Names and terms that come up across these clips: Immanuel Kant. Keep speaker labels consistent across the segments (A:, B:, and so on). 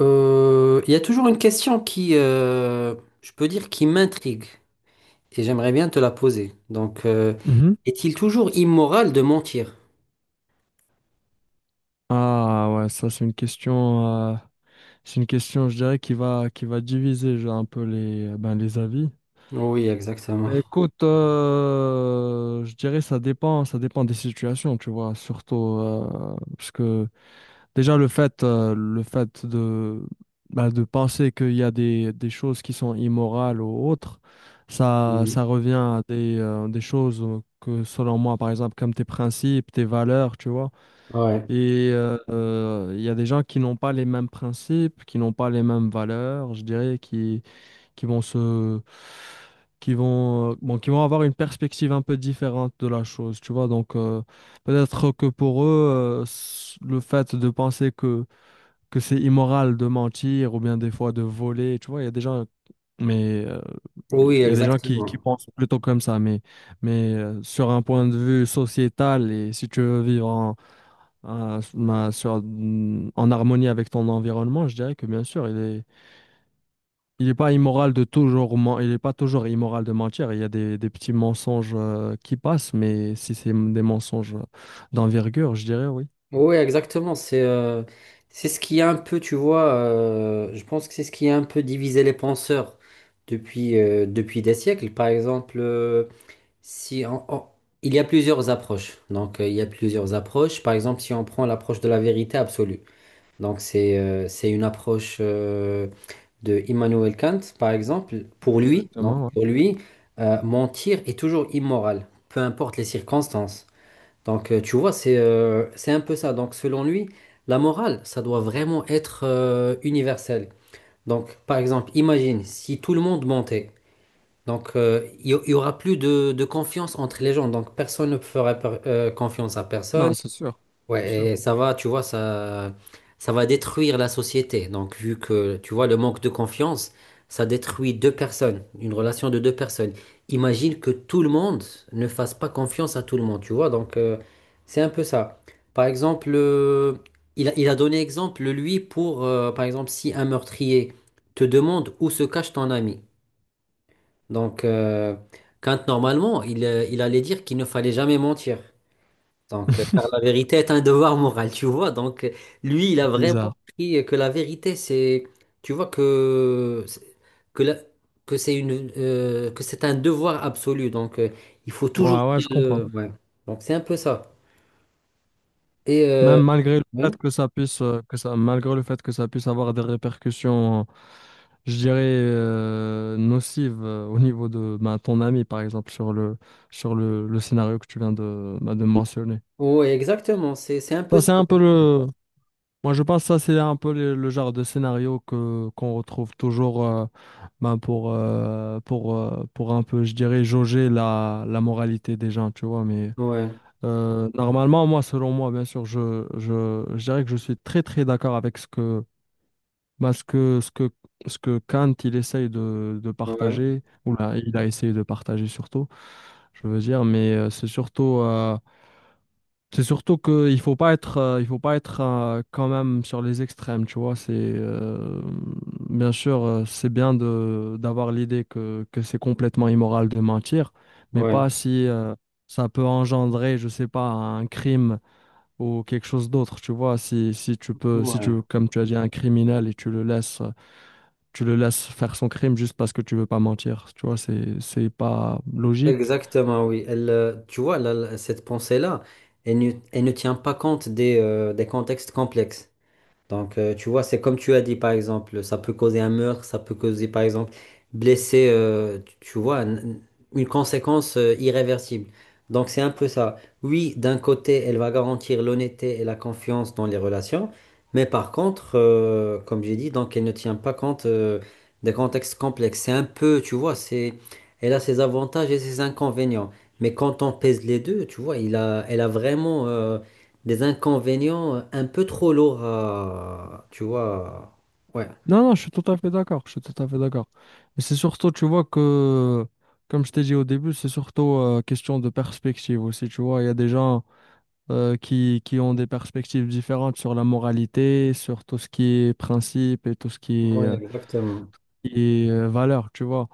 A: Il y a toujours une question qui, je peux dire, qui m'intrigue et j'aimerais bien te la poser.
B: Mhm.
A: Est-il toujours immoral de mentir?
B: Ah ouais, ça c'est une question, je dirais, qui va diviser genre, un peu les, ben, les avis.
A: Oui, exactement.
B: Ben, écoute, je dirais ça dépend des situations, tu vois, surtout parce que déjà le fait de, ben, de penser qu'il y a des choses qui sont immorales ou autres,
A: Mhm.
B: ça revient à des choses que selon moi, par exemple, comme tes principes, tes valeurs, tu vois.
A: Ouais.
B: Il y a des gens qui n'ont pas les mêmes principes, qui n'ont pas les mêmes valeurs, je dirais, qui vont qui vont, bon, qui vont avoir une perspective un peu différente de la chose, tu vois. Donc, peut-être que pour eux, le fait de penser que c'est immoral de mentir ou bien des fois de voler, tu vois, il y a des gens, mais euh, il
A: Oui,
B: y a des gens qui
A: exactement.
B: pensent plutôt comme ça, mais, mais sur un point de vue sociétal et si tu veux vivre en à- ma- sur- en harmonie avec ton environnement, je dirais que bien sûr, il est pas immoral de toujours, il est pas toujours immoral de mentir. Il y a des petits mensonges qui passent, mais si c'est des mensonges d'envergure, je dirais oui.
A: Oui, exactement. C'est ce qui a un peu, tu vois, je pense que c'est ce qui a un peu divisé les penseurs depuis, depuis des siècles. Par exemple, si on- on- il y a plusieurs approches. Il y a plusieurs approches. Par exemple, si on prend l'approche de la vérité absolue. C'est une approche de Immanuel Kant, par exemple. Pour lui, donc
B: Exactement, ouais.
A: pour lui, mentir est toujours immoral, peu importe les circonstances. Tu vois, c'est un peu ça. Donc selon lui, la morale, ça doit vraiment être universel. Donc par exemple, imagine si tout le monde mentait. Donc il y aura plus de confiance entre les gens. Donc personne ne fera confiance à
B: Non,
A: personne.
B: c'est sûr, c'est sûr.
A: Ouais, et ça va, tu vois, ça va détruire la société. Donc, vu que, tu vois, le manque de confiance, ça détruit deux personnes, une relation de deux personnes. Imagine que tout le monde ne fasse pas confiance à tout le monde, tu vois. C'est un peu ça. Par exemple, il a donné exemple, lui, pour, par exemple, si un meurtrier te demande où se cache ton ami. Donc, euh, quand normalement, il allait dire qu'il ne fallait jamais mentir. Car la vérité est un devoir moral, tu vois. Lui, il a
B: Bizarre.
A: vraiment pris que la vérité, c'est, tu vois que la- que c'est une que c'est un devoir absolu. Il faut toujours
B: Ouais, ouais,
A: dire
B: je comprends.
A: le, ouais. Donc, c'est un peu ça. Et euh,
B: Même malgré le
A: ouais.
B: fait que ça puisse, malgré le fait que ça puisse avoir des répercussions, je dirais, nocives au niveau de ben, ton ami, par exemple, sur le, le scénario que tu viens de, ben, de mentionner.
A: Ouais, exactement. C'est un peu
B: Ça,
A: ça.
B: c'est un peu le. Moi, je pense que ça, c'est un peu le genre de scénario qu'on retrouve toujours ben, pour un peu, je dirais, jauger la, la moralité des gens, tu vois. Mais
A: Ouais,
B: normalement, moi, selon moi, bien sûr, je dirais que je suis très, très d'accord avec ce que, bah, ce que Kant, il essaye de
A: ouais,
B: partager, ou là, il a essayé de partager surtout, je veux dire, mais c'est surtout qu'il faut pas être, il faut pas être quand même sur les extrêmes, tu vois, bien sûr, c'est bien de, d'avoir l'idée que c'est complètement immoral de mentir, mais
A: ouais,
B: pas si, ça peut engendrer, je sais pas, un crime ou quelque chose d'autre, tu vois, si, si tu peux, si tu,
A: ouais.
B: comme tu as dit, un criminel et tu le laisses faire son crime juste parce que tu veux pas mentir, tu vois, c'est pas logique.
A: Exactement, oui. Tu vois, cette pensée-là, elle ne tient pas compte des contextes complexes. Tu vois, c'est comme tu as dit, par exemple, ça peut causer un meurtre, ça peut causer, par exemple, blesser, tu vois, une conséquence irréversible. Donc, c'est un peu ça. Oui, d'un côté, elle va garantir l'honnêteté et la confiance dans les relations, mais par contre, comme j'ai dit, donc, elle ne tient pas compte des contextes complexes. C'est un peu, tu vois, c'est, elle a ses avantages et ses inconvénients. Mais quand on pèse les deux, tu vois, elle a vraiment... des inconvénients un peu trop lourds à, tu vois. Ouais.
B: Non, non, je suis tout à fait d'accord, je suis tout à fait d'accord. Mais c'est surtout, tu vois, que, comme je t'ai dit au début, c'est surtout question de perspective aussi, tu vois, il y a des gens qui ont des perspectives différentes sur la moralité, sur tout ce qui est principe et tout ce qui est...
A: Ouais, exactement.
B: et valeur, tu vois.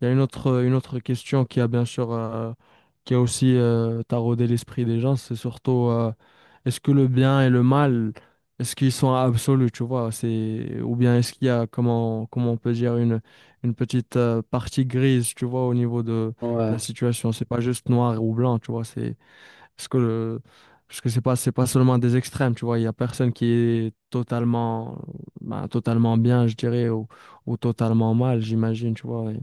B: Il y a une autre question qui a bien sûr, qui a aussi taraudé l'esprit des gens, c'est surtout est-ce que le bien et le mal, est-ce qu'ils sont absolus, tu vois, c'est, ou bien est-ce qu'il y a, comment, comment on peut dire, une petite partie grise, tu vois, au niveau de la
A: Ouais.
B: situation. C'est pas juste noir ou blanc, tu vois, c'est parce que, euh, parce que c'est pas seulement des extrêmes, tu vois. Il y a personne qui est totalement, ben, totalement bien, je dirais, ou totalement mal, j'imagine, tu vois. Et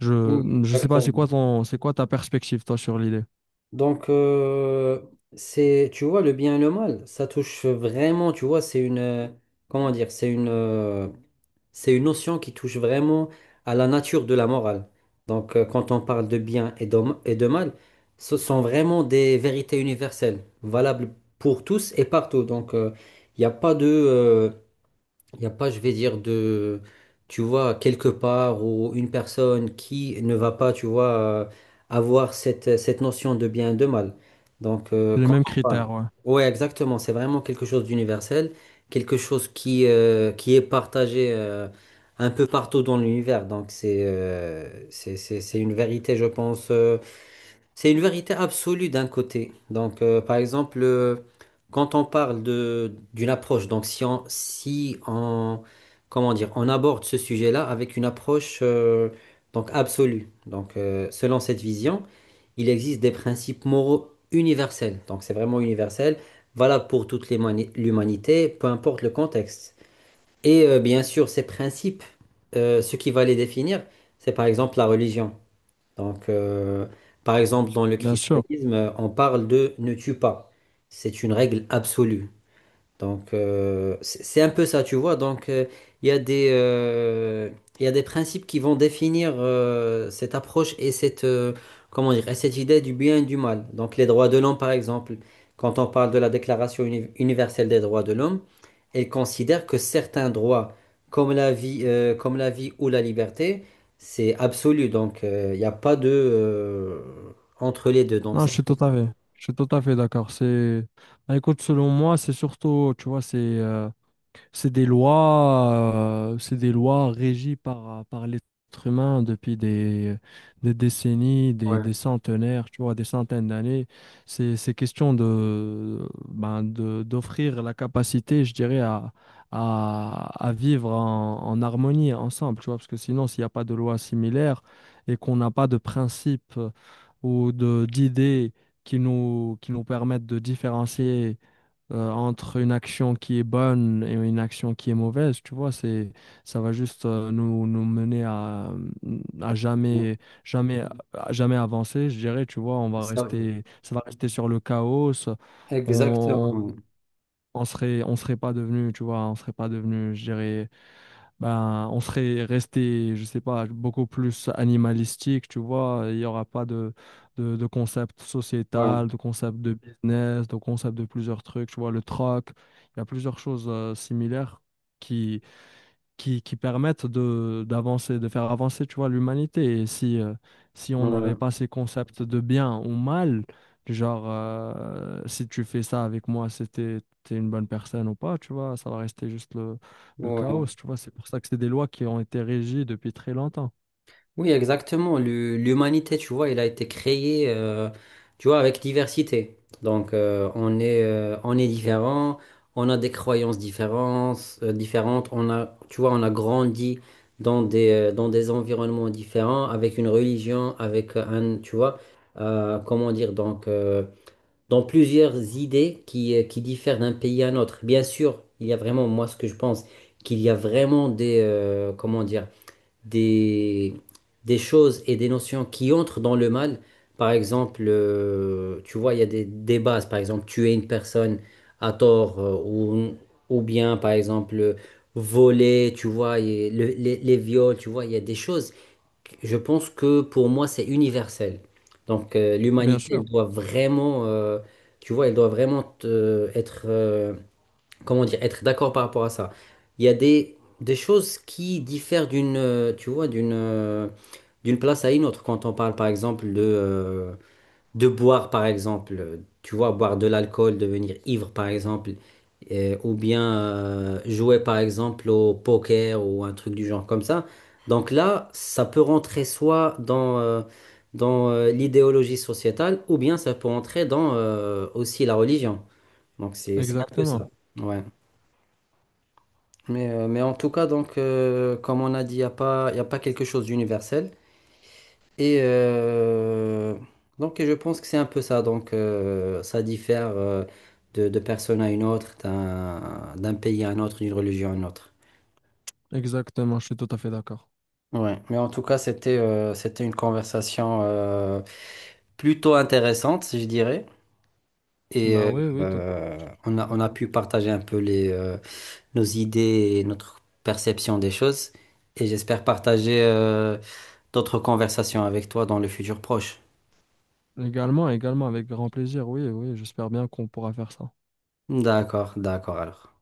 B: Je,
A: Mm,
B: je sais pas, c'est quoi
A: exactement.
B: ton, c'est quoi ta perspective, toi, sur l'idée?
A: Donc, euh, c'est, tu vois, le bien et le mal, ça touche vraiment, tu vois, comment dire, c'est une notion qui touche vraiment à la nature de la morale. Quand on parle de bien et de mal, ce sont vraiment des vérités universelles, valables pour tous et partout. Il n'y a pas il n'y a pas, je vais dire, de, tu vois, quelque part ou une personne qui ne va pas, tu vois, avoir cette notion de bien et de mal.
B: Les
A: Quand
B: mêmes
A: on parle.
B: critères, ouais.
A: Ouais, exactement. C'est vraiment quelque chose d'universel, quelque chose qui est partagé un peu partout dans l'univers. Donc c'est une vérité, je pense, c'est une vérité absolue d'un côté. Par exemple, quand on parle de d'une approche, donc si on, comment dire, on aborde ce sujet-là avec une approche donc absolue. Selon cette vision, il existe des principes moraux universels. Donc, c'est vraiment universel, valable pour toute l'humanité, peu importe le contexte. Bien sûr, ces principes, ce qui va les définir, c'est par exemple la religion. Donc, euh, par exemple, dans le
B: Bien sûr.
A: christianisme, on parle de ne tue pas. C'est une règle absolue. C'est un peu ça, tu vois. Il y a il y a des principes qui vont définir cette approche et comment dire, et cette idée du bien et du mal. Donc, les droits de l'homme, par exemple, quand on parle de la Déclaration universelle des droits de l'homme, elle considère que certains droits, comme la vie ou la liberté, c'est absolu. Il n'y a pas entre les deux. Donc,
B: Non,
A: c'est
B: je
A: un
B: suis
A: peu
B: tout à
A: ça.
B: fait, je suis tout à fait d'accord. C'est, ben, écoute, selon moi, c'est surtout, tu vois, c'est des lois, c'est des lois régies par, par l'être humain des décennies, des
A: Ouais.
B: centenaires, tu vois, des centaines d'années. C'est question de, ben, de, d'offrir la capacité, je dirais, à vivre en, en harmonie ensemble, tu vois, parce que sinon, s'il n'y a pas de loi similaire et qu'on n'a pas de principes ou de, d'idées qui nous permettent de différencier entre une action qui est bonne et une action qui est mauvaise, tu vois, c'est, ça va juste nous, nous mener à, à
A: Ouais.
B: jamais, jamais, à jamais avancer, je dirais, tu vois, on va
A: Ça,
B: rester, ça va rester sur le chaos, ça- on, on,
A: exactement.
B: on serait pas devenu, tu vois, on serait pas devenu, je dirais, ben, on serait resté, je sais pas, beaucoup plus animalistique, tu vois. Il n'y aura pas de, de concept sociétal,
A: Ouais.
B: de concept de business, de concept de plusieurs trucs, tu vois, le troc. Il y a plusieurs choses similaires qui permettent de d'avancer, de faire avancer, tu vois, l'humanité. Et si, si on
A: Ouais,
B: n'avait pas ces concepts de bien ou mal, du genre, si tu fais ça avec moi, c'était t'es une bonne personne ou pas, tu vois, ça va rester juste le
A: ouais.
B: chaos, tu vois. C'est pour ça que c'est des lois qui ont été régies depuis très longtemps.
A: Oui, exactement. L'humanité, tu vois, il a été créé, tu vois, avec diversité. On est différent, on a des croyances différentes, différentes. On a, tu vois, on a grandi dans des environnements différents, avec une religion, avec un, tu vois, comment dire, dans plusieurs idées qui diffèrent d'un pays à un autre. Bien sûr, il y a vraiment, moi, ce que je pense, qu'il y a vraiment des, comment dire. Des, des choses et des notions qui entrent dans le mal. Par exemple, tu vois, il y a des bases. Par exemple, tuer une personne à tort ou bien, par exemple, voler, tu vois, et les viols, tu vois, il y a des choses. Je pense que pour moi, c'est universel.
B: Bien
A: L'humanité,
B: sûr,
A: elle doit vraiment, tu vois, elle doit vraiment être comment dire, être d'accord par rapport à ça. Il y a des choses qui diffèrent d'une, tu vois, d'une place à une autre. Quand on parle, par exemple, de boire, par exemple, tu vois, boire de l'alcool, devenir ivre, par exemple, ou bien jouer, par exemple, au poker ou un truc du genre comme ça. Donc là, ça peut rentrer soit dans l'idéologie sociétale, ou bien ça peut rentrer dans aussi la religion. Donc c'est un peu
B: exactement.
A: ça. Ouais. Mais en tout cas, comme on a dit, il n'y a pas, y a pas quelque chose d'universel. Et euh, donc, et je pense que c'est un peu ça. Ça diffère de personne à une autre, d'un pays à un autre, d'une religion à une autre.
B: Exactement, je suis tout à fait d'accord.
A: Ouais. Mais en tout cas, c'était une conversation plutôt intéressante, je dirais. Et
B: Ben
A: euh,
B: oui, oui, tout à fait, je suis tout à fait
A: on a
B: d'accord.
A: pu partager un peu les, nos idées et notre perception des choses. Et j'espère partager. D'autres conversations avec toi dans le futur proche.
B: Également, également, avec grand plaisir, oui, oui, j'espère bien qu'on pourra faire ça.
A: D'accord, d'accord alors.